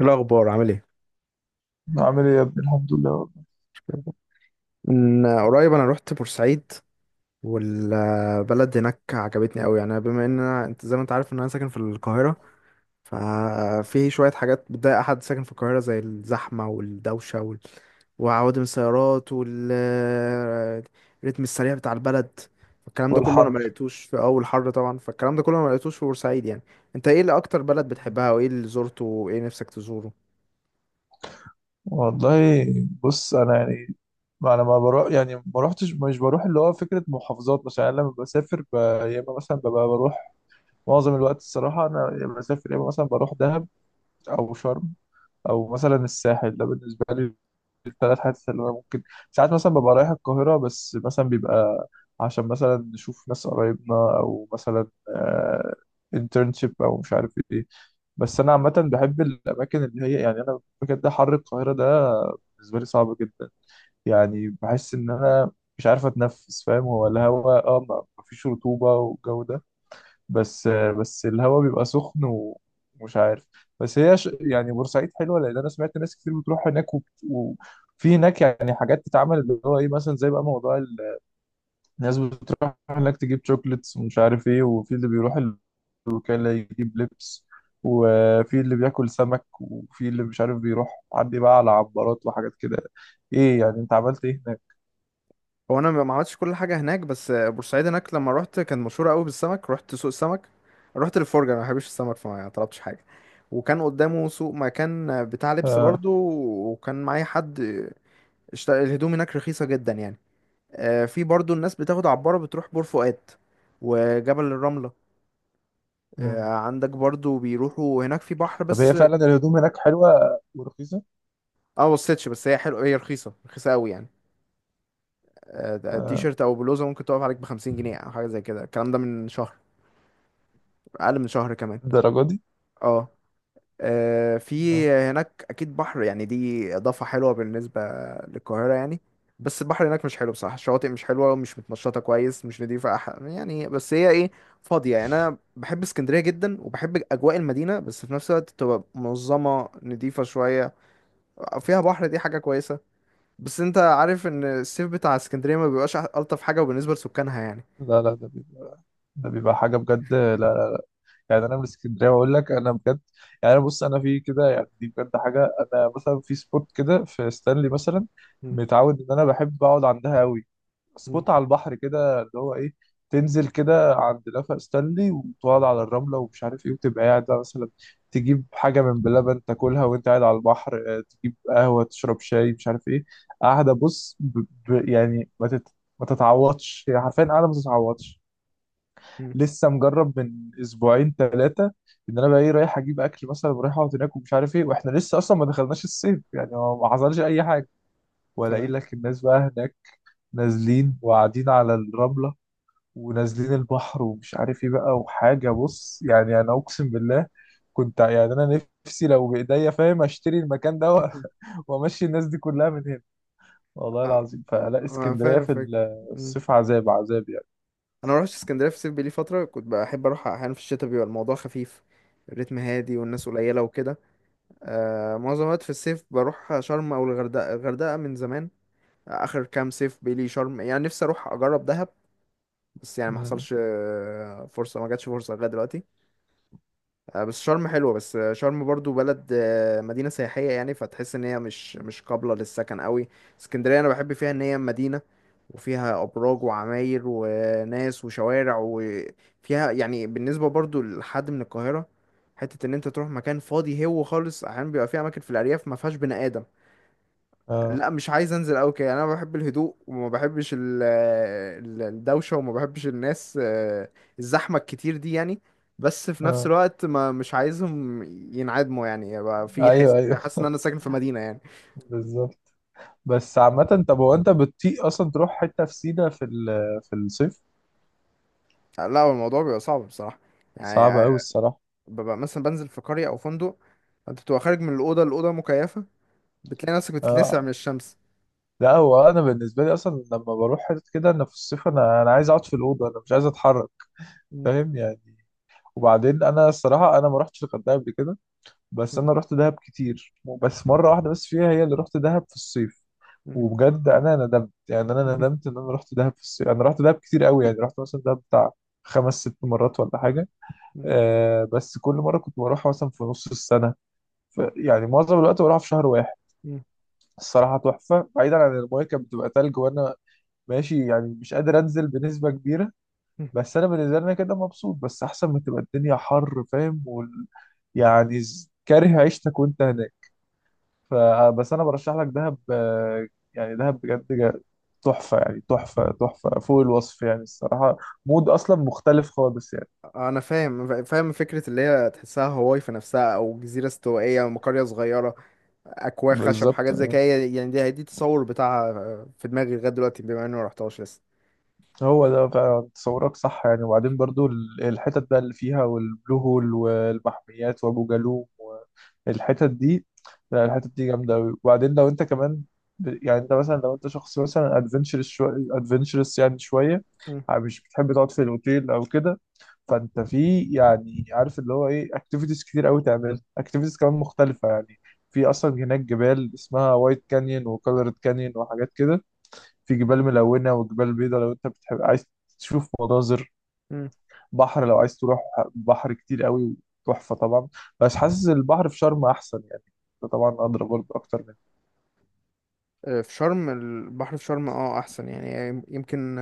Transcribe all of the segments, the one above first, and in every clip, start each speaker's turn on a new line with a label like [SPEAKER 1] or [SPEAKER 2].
[SPEAKER 1] إيه الأخبار عامل ايه؟
[SPEAKER 2] عامل ايه يا ابني؟ الحمد لله والله.
[SPEAKER 1] من قريب أنا روحت بورسعيد، والبلد هناك عجبتني أوي. يعني بما إن أنت زي ما أنت عارف إن أنا ساكن في القاهرة، ففي شوية حاجات بتضايق أحد ساكن في القاهرة زي الزحمة والدوشة وعوادم السيارات والريتم السريع بتاع البلد. الكلام ده كله أنا
[SPEAKER 2] والحر.
[SPEAKER 1] ملقتوش في أول حر طبعا، فالكلام ده كله أنا ملقتوش في بورسعيد يعني. أنت ايه اللي أكتر بلد بتحبها، وإيه اللي زرته، وإيه نفسك تزوره؟
[SPEAKER 2] والله، بص، انا يعني، انا ما بروح، يعني ما روحتش، مش بروح اللي هو فكره محافظات مثلا. يعني لما بسافر يا اما مثلا ببقى بروح. معظم الوقت الصراحه انا، يا اما بسافر، يا اما مثلا بروح دهب، او شرم، او مثلا الساحل. ده بالنسبه لي الثلاث حاجات اللي انا ممكن. ساعات مثلا ببقى رايح القاهره، بس مثلا بيبقى عشان مثلا نشوف ناس قرايبنا، او مثلا انترنشيب او مش عارف ايه. بس انا عامه بحب الاماكن اللي هي، يعني انا بجد حر القاهره ده بالنسبه لي صعب جدا. يعني بحس ان انا مش عارف اتنفس، فاهم؟ هو الهواء، ما فيش رطوبه والجو ده، بس الهواء بيبقى سخن ومش عارف. بس هي يعني بورسعيد حلوه، لان انا سمعت ناس كتير بتروح هناك وفي هناك يعني حاجات تتعمل، اللي هو ايه مثلا، زي بقى موضوع الناس بتروح هناك تجيب شوكليتس ومش عارف ايه، وفي اللي بيروح وكان لا يجيب لبس، وفي اللي بياكل سمك، وفي اللي مش عارف بيروح عندي بقى على عبارات وحاجات كده. ايه يعني، انت عملت ايه هناك؟
[SPEAKER 1] هو انا ما عملتش كل حاجه هناك، بس بورسعيد هناك لما رحت كان مشهوره قوي بالسمك. رحت سوق السمك، رحت للفرجه، انا ما بحبش السمك فما طلبتش حاجه. وكان قدامه سوق مكان بتاع لبس
[SPEAKER 2] آه.
[SPEAKER 1] برضو. وكان معايا حد. الهدوم هناك رخيصه جدا يعني. آه، في برضو الناس بتاخد عباره بتروح بور فؤاد وجبل الرمله. آه،
[SPEAKER 2] مم.
[SPEAKER 1] عندك برضو بيروحوا هناك في بحر
[SPEAKER 2] طب
[SPEAKER 1] بس
[SPEAKER 2] هي
[SPEAKER 1] اه.
[SPEAKER 2] فعلا الهدوم هناك حلوة ورخيصة؟
[SPEAKER 1] ما بصيتش، بس هي حلوه، هي رخيصه رخيصه قوي يعني. آه، ده
[SPEAKER 2] آه.
[SPEAKER 1] تيشيرت او بلوزه ممكن تقف عليك ب50 جنيه او حاجه زي كده. الكلام ده من شهر، اقل من شهر كمان.
[SPEAKER 2] الدرجة دي؟
[SPEAKER 1] اه. آه،
[SPEAKER 2] آه.
[SPEAKER 1] في هناك اكيد بحر، يعني دي اضافه حلوه بالنسبه للقاهره يعني. بس البحر هناك مش حلو بصراحه، الشواطئ مش حلوه ومش متنشطه كويس، مش نضيفه، يعني بس هي ايه، فاضيه يعني. انا بحب اسكندريه جدا وبحب اجواء المدينه، بس في نفس الوقت تبقى منظمه نضيفه شويه، فيها بحر، دي حاجه كويسه. بس انت عارف ان الصيف بتاع اسكندريه ما بيبقاش الطف حاجه، وبالنسبه لسكانها يعني.
[SPEAKER 2] لا لا، ده بيبقى، ده بيبقى حاجة بجد. لا لا، يعني أنا من اسكندرية وأقول لك، أنا بجد يعني. أنا بص، أنا في كده يعني، دي بجد حاجة. أنا مثلا في سبوت كده في ستانلي مثلا،
[SPEAKER 1] مم.
[SPEAKER 2] متعود إن أنا بحب أقعد عندها أوي.
[SPEAKER 1] مم.
[SPEAKER 2] سبوت على البحر كده، اللي هو ايه، تنزل كده عند لافا ستانلي وتقعد على الرمله ومش عارف ايه، وتبقى قاعد بقى مثلا تجيب حاجه من بلبن تاكلها وانت قاعد على البحر، آه، تجيب قهوه، تشرب شاي، مش عارف ايه، قاعده. بص، يعني، ما تتعوضش، هي حرفيا قاعده، ما تتعوضش.
[SPEAKER 1] مم.
[SPEAKER 2] لسه مجرب من اسبوعين ثلاثه ان انا بقى ايه، رايح اجيب اكل مثلا ورايح اقعد هناك ومش عارف ايه، واحنا لسه اصلا ما دخلناش الصيف يعني، ما حصلش اي حاجه. والاقي
[SPEAKER 1] تمام.
[SPEAKER 2] لك الناس بقى هناك نازلين وقاعدين على الرمله ونازلين البحر ومش عارف ايه بقى. وحاجه، بص، يعني انا اقسم بالله كنت، يعني انا نفسي لو بايديا، فاهم، اشتري المكان ده وامشي الناس دي كلها من هنا، والله
[SPEAKER 1] أه،
[SPEAKER 2] العظيم. فلا،
[SPEAKER 1] أه،
[SPEAKER 2] اسكندريه
[SPEAKER 1] فاهم
[SPEAKER 2] في
[SPEAKER 1] فاهم.
[SPEAKER 2] الصيف عذاب عذاب يعني.
[SPEAKER 1] انا ما رحتش اسكندريه في الصيف بقالي فتره، كنت بحب اروح احيانا في الشتاء، بيبقى الموضوع خفيف، الريتم هادي والناس قليله وكده. آه، معظم الوقت في الصيف بروح شرم او الغردقه، الغردقه من زمان، اخر كام صيف بقالي شرم. يعني نفسي اروح اجرب دهب، بس يعني ما
[SPEAKER 2] مم.
[SPEAKER 1] حصلش فرصه، ما جاتش فرصه لغايه دلوقتي. آه، بس شرم حلوة، بس شرم برضو بلد، مدينة سياحية يعني، فتحس ان هي مش قابلة للسكن قوي. اسكندرية انا بحب فيها ان هي مدينة، وفيها ابراج وعماير وناس وشوارع، وفيها يعني بالنسبة برضو لحد من القاهرة حتة ان انت تروح مكان فاضي هو خالص. احيانا بيبقى فيه اماكن في الارياف ما فيهاش بني ادم.
[SPEAKER 2] اه
[SPEAKER 1] لا مش عايز انزل قوي كده، يعني انا بحب الهدوء وما بحبش الدوشه، وما بحبش الناس، الزحمه الكتير دي يعني. بس في نفس
[SPEAKER 2] اه،
[SPEAKER 1] الوقت ما مش عايزهم ينعدموا، يعني يبقى في حس
[SPEAKER 2] ايوه ايوه،
[SPEAKER 1] حاسس ان انا ساكن في مدينه يعني.
[SPEAKER 2] بالظبط. بس عامه، طب هو انت بتطيق اصلا تروح حته في سينا في في الصيف؟
[SPEAKER 1] لا هو الموضوع بيبقى صعب بصراحه، يعني
[SPEAKER 2] صعب قوي الصراحه.
[SPEAKER 1] ببقى مثلا بنزل في قريه او فندق، انت بتبقى خارج من الاوضه، الاوضه مكيفه، بتلاقي نفسك بتتلسع من
[SPEAKER 2] اه،
[SPEAKER 1] الشمس.
[SPEAKER 2] لا هو انا بالنسبه لي اصلا لما بروح حته كده، انا في الصيف انا عايز اقعد في الاوضه، انا مش عايز اتحرك،
[SPEAKER 1] مم.
[SPEAKER 2] فاهم يعني. وبعدين انا الصراحه انا ما رحتش الغردقه قبل كده، بس
[SPEAKER 1] مم.
[SPEAKER 2] انا رحت دهب كتير. بس مره واحده بس فيها هي اللي رحت دهب في الصيف.
[SPEAKER 1] مم.
[SPEAKER 2] وبجد انا ندمت، يعني انا ندمت ان انا رحت دهب في الصيف. انا رحت دهب كتير قوي يعني، رحت مثلا دهب بتاع خمس ست مرات ولا حاجه.
[SPEAKER 1] مم.
[SPEAKER 2] آه، بس كل مره كنت بروح مثلا في نص السنه، ف يعني معظم الوقت بروح في شهر واحد.
[SPEAKER 1] مم.
[SPEAKER 2] الصراحه تحفه، بعيدا عن المايه كانت بتبقى تلج وانا ماشي يعني، مش قادر انزل بنسبه كبيره، بس انا بالنسبه لنا كده مبسوط، بس احسن ما تبقى الدنيا حر، فاهم؟ يعني كاره عيشتك وانت هناك. فبس انا برشح لك دهب، آه، يعني دهب بجد تحفه، يعني تحفه تحفه فوق الوصف يعني الصراحه. مود اصلا مختلف خالص يعني.
[SPEAKER 1] انا فاهم فاهم فكره اللي هي تحسها هواي في نفسها او جزيره استوائيه او قريه صغيره، اكواخ خشب
[SPEAKER 2] بالظبط.
[SPEAKER 1] حاجات زي كده، يعني دي التصور بتاعها في دماغي لغايه دلوقتي، بما اني ما رحتهاش لسه.
[SPEAKER 2] هو ده فعلا تصورك صح يعني. وبعدين برضو الحتت بقى اللي فيها، والبلو هول والمحميات وابو جالوم والحتت دي، لا
[SPEAKER 1] مم.
[SPEAKER 2] الحتت دي جامده قوي. وبعدين لو انت كمان، يعني، انت مثلا لو انت شخص مثلا ادفنتشرس شويه، ادفنتشرس يعني شويه،
[SPEAKER 1] مم.
[SPEAKER 2] مش بتحب تقعد في الاوتيل او كده، فانت في يعني، عارف اللي هو ايه، اكتيفيتيز كتير قوي، تعمل اكتيفيتيز كمان مختلفه يعني. في اصلا هناك جبال اسمها وايت كانيون وكولورد كانيون وحاجات كده. في جبال
[SPEAKER 1] مم.
[SPEAKER 2] ملونة وجبال بيضاء، لو انت بتحب عايز تشوف مناظر،
[SPEAKER 1] مم.
[SPEAKER 2] بحر لو عايز تروح، بحر كتير قوي، تحفة طبعا. بس حاسس البحر في شرم أحسن يعني. ده طبعا أدرى برضه أكتر منه.
[SPEAKER 1] آه، في شرم البحر، في شرم احسن يعني يمكن.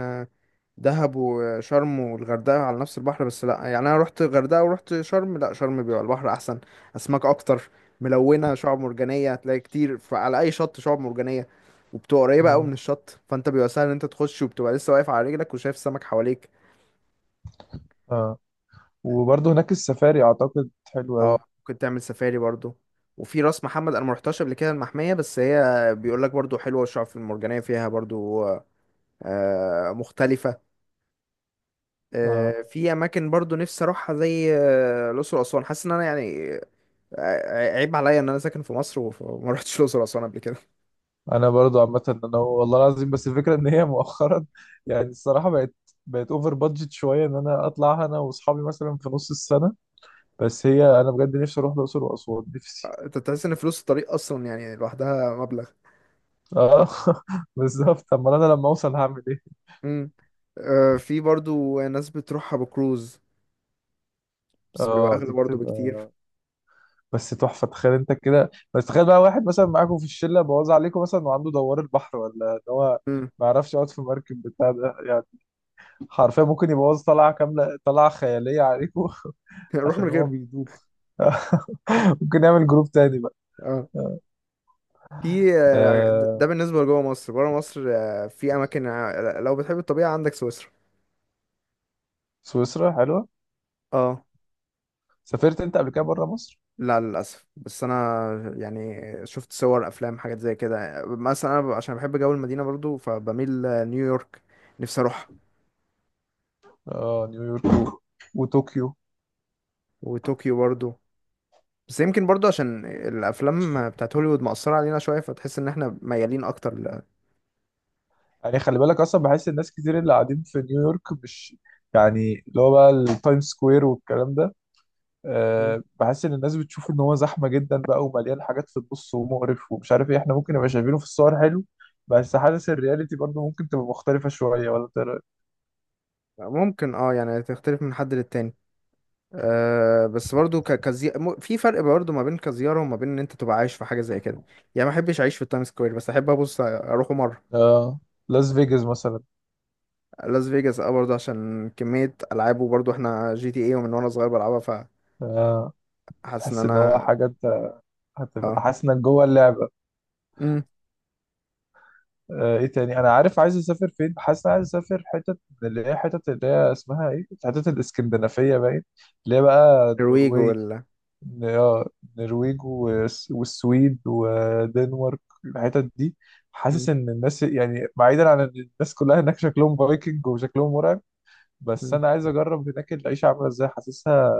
[SPEAKER 1] دهب وشرم والغردقة على نفس البحر، بس لا يعني انا رحت الغردقة ورحت شرم، لا شرم بيبقى البحر احسن، اسماك اكتر، ملونة، شعاب مرجانية هتلاقي كتير، على اي شط شعاب مرجانية، وبتبقى قريبة قوي
[SPEAKER 2] مم.
[SPEAKER 1] من الشط، فانت بيبقى سهل ان انت تخش وبتبقى لسه واقف على رجلك وشايف السمك حواليك.
[SPEAKER 2] آه. وبرضه هناك السفاري أعتقد حلو أوي.
[SPEAKER 1] اه، ممكن تعمل سفاري برضو. وفي راس محمد انا ما رحتش قبل كده المحمية، بس هي بيقول لك برضو حلوة الشعاب المرجانية فيها برضو. آه، مختلفة.
[SPEAKER 2] آه.
[SPEAKER 1] آه، في اماكن برضو نفسي اروحها زي الاقصر واسوان. حاسس ان انا يعني عيب عليا ان انا ساكن في مصر وما رحتش الاقصر واسوان قبل كده.
[SPEAKER 2] أنا برضه عامة، أنا والله العظيم بس الفكرة إن هي مؤخرا يعني الصراحة بقت أوفر بادجت شوية إن أنا أطلع أنا وأصحابي مثلا في نص السنة. بس هي
[SPEAKER 1] اه،
[SPEAKER 2] أنا بجد نفسي أروح الأقصر وأسوان، نفسي.
[SPEAKER 1] انت تحس ان فلوس الطريق اصلا يعني لوحدها مبلغ.
[SPEAKER 2] آه، بالظبط. أمال أنا لما أوصل هعمل إيه؟
[SPEAKER 1] امم. آه، في برضو ناس بتروحها بكروز، بس بيبقى
[SPEAKER 2] اه
[SPEAKER 1] اغلى
[SPEAKER 2] دي
[SPEAKER 1] برضو
[SPEAKER 2] بتبقى،
[SPEAKER 1] بكتير.
[SPEAKER 2] بس تحفه. تخيل انت كده، بس تخيل بقى، واحد مثلا معاكم في الشله بوظ عليكم مثلا، وعنده دوار البحر، ولا ان هو
[SPEAKER 1] امم.
[SPEAKER 2] ما يعرفش يقعد في المركب بتاع ده يعني، حرفيا ممكن يبوظ طلعه كامله، طلعه خياليه عليكم.
[SPEAKER 1] روح من
[SPEAKER 2] عشان هو
[SPEAKER 1] غيره.
[SPEAKER 2] بيدوخ. ممكن يعمل جروب تاني بقى.
[SPEAKER 1] اه، في ده
[SPEAKER 2] آه،
[SPEAKER 1] بالنسبه لجوه مصر. بره مصر في اماكن، لو بتحب الطبيعه عندك سويسرا.
[SPEAKER 2] سويسرا حلوه.
[SPEAKER 1] اه.
[SPEAKER 2] سافرت انت قبل كده بره مصر؟
[SPEAKER 1] لا للاسف، بس انا يعني شفت صور افلام حاجات زي كده. مثلا انا عشان بحب جو المدينه برضو فبميل نيويورك، نفسي اروح،
[SPEAKER 2] اه، نيويورك وطوكيو.
[SPEAKER 1] وطوكيو برضو. بس يمكن برضو عشان الافلام بتاعت هوليوود مأثرة علينا شوية، فتحس ان احنا ميالين اكتر.
[SPEAKER 2] يعني خلي بالك، اصلا بحس الناس كتير اللي قاعدين في نيويورك مش، يعني اللي هو بقى التايم سكوير والكلام ده،
[SPEAKER 1] مم.
[SPEAKER 2] آه، بحس ان الناس بتشوف ان هو زحمه جدا بقى ومليان حاجات في النص ومقرف ومش عارف ايه. احنا ممكن نبقى شايفينه في الصور حلو، بس حاسس الرياليتي برضه ممكن تبقى مختلفه شويه، ولا ترى؟
[SPEAKER 1] ممكن، يعني تختلف من حد للتاني. أه، بس برضو في فرق برضو ما بين كزيارة وما بين ان انت تبقى عايش في حاجة زي كده. يعني ما احبش اعيش في التايم سكوير، بس احب ابص اروحه مرة.
[SPEAKER 2] اه، لاس فيجاس مثلا.
[SPEAKER 1] لاس فيجاس، برضو عشان كمية العاب، وبرضو احنا جي تي اي ومن وانا صغير بلعبها،
[SPEAKER 2] آه،
[SPEAKER 1] فحاسس ان
[SPEAKER 2] تحس ان هو
[SPEAKER 1] انا
[SPEAKER 2] حاجه انت هتبقى
[SPEAKER 1] اه
[SPEAKER 2] حاسس انك جوه اللعبه.
[SPEAKER 1] امم
[SPEAKER 2] آه، ايه تاني انا عارف عايز اسافر فين؟ حاسس إن أنا عايز اسافر حتت، من اللي هي حتت اللي هي اسمها ايه، حتت الاسكندنافيه باين، اللي هي بقى
[SPEAKER 1] نرويج
[SPEAKER 2] النرويج.
[SPEAKER 1] ولا.
[SPEAKER 2] ن- اه النرويج والسويد ودنمارك، الحتت دي.
[SPEAKER 1] مم.
[SPEAKER 2] حاسس ان الناس يعني، بعيدا عن ان الناس كلها هناك شكلهم فايكنج وشكلهم مرعب، بس انا عايز اجرب هناك العيشه عامله ازاي. حاسسها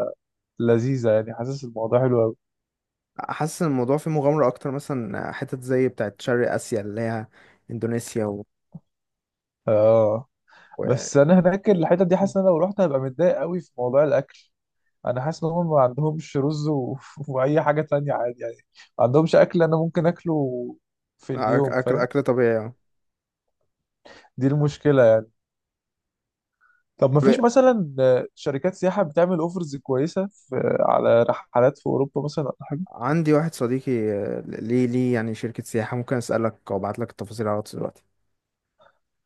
[SPEAKER 2] لذيذه يعني، حاسس الموضوع حلو قوي.
[SPEAKER 1] حاسس ان الموضوع فيه مغامرة اكتر، مثلا حتت زي بتاعت شرق اسيا اللي هي اندونيسيا
[SPEAKER 2] اه،
[SPEAKER 1] و...
[SPEAKER 2] بس انا هناك الحتت دي حاسس ان انا لو رحت هبقى متضايق قوي في موضوع الاكل. انا حاسس ان هم ما عندهمش رز واي حاجه تانية عادي يعني. ما عندهمش اكل انا ممكن اكله في اليوم، فاهم؟
[SPEAKER 1] اكل طبيعي يعني.
[SPEAKER 2] دي المشكله. طب ما
[SPEAKER 1] طب
[SPEAKER 2] فيش مثلا، آه، شركات سياحة بتعمل اوفرز كويسة في، على رحلات في أوروبا مثلا أو حاجة؟
[SPEAKER 1] عندي واحد صديقي، ليه يعني شركة سياحة، ممكن اسألك او ابعت لك التفاصيل على الواتس دلوقتي.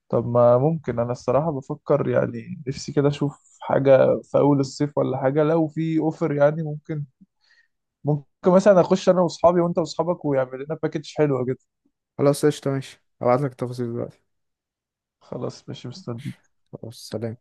[SPEAKER 2] طب ما ممكن، أنا الصراحة بفكر يعني، نفسي كده أشوف حاجة في أول الصيف ولا حاجة، لو في اوفر يعني، ممكن مثلا أخش أنا وأصحابي وأنت وأصحابك، ويعمل لنا باكج حلوة كده.
[SPEAKER 1] خلاص قشطة ماشي، ابعت لك التفاصيل دلوقتي.
[SPEAKER 2] خلاص ماشي، مستنيك.
[SPEAKER 1] خلاص، سلام.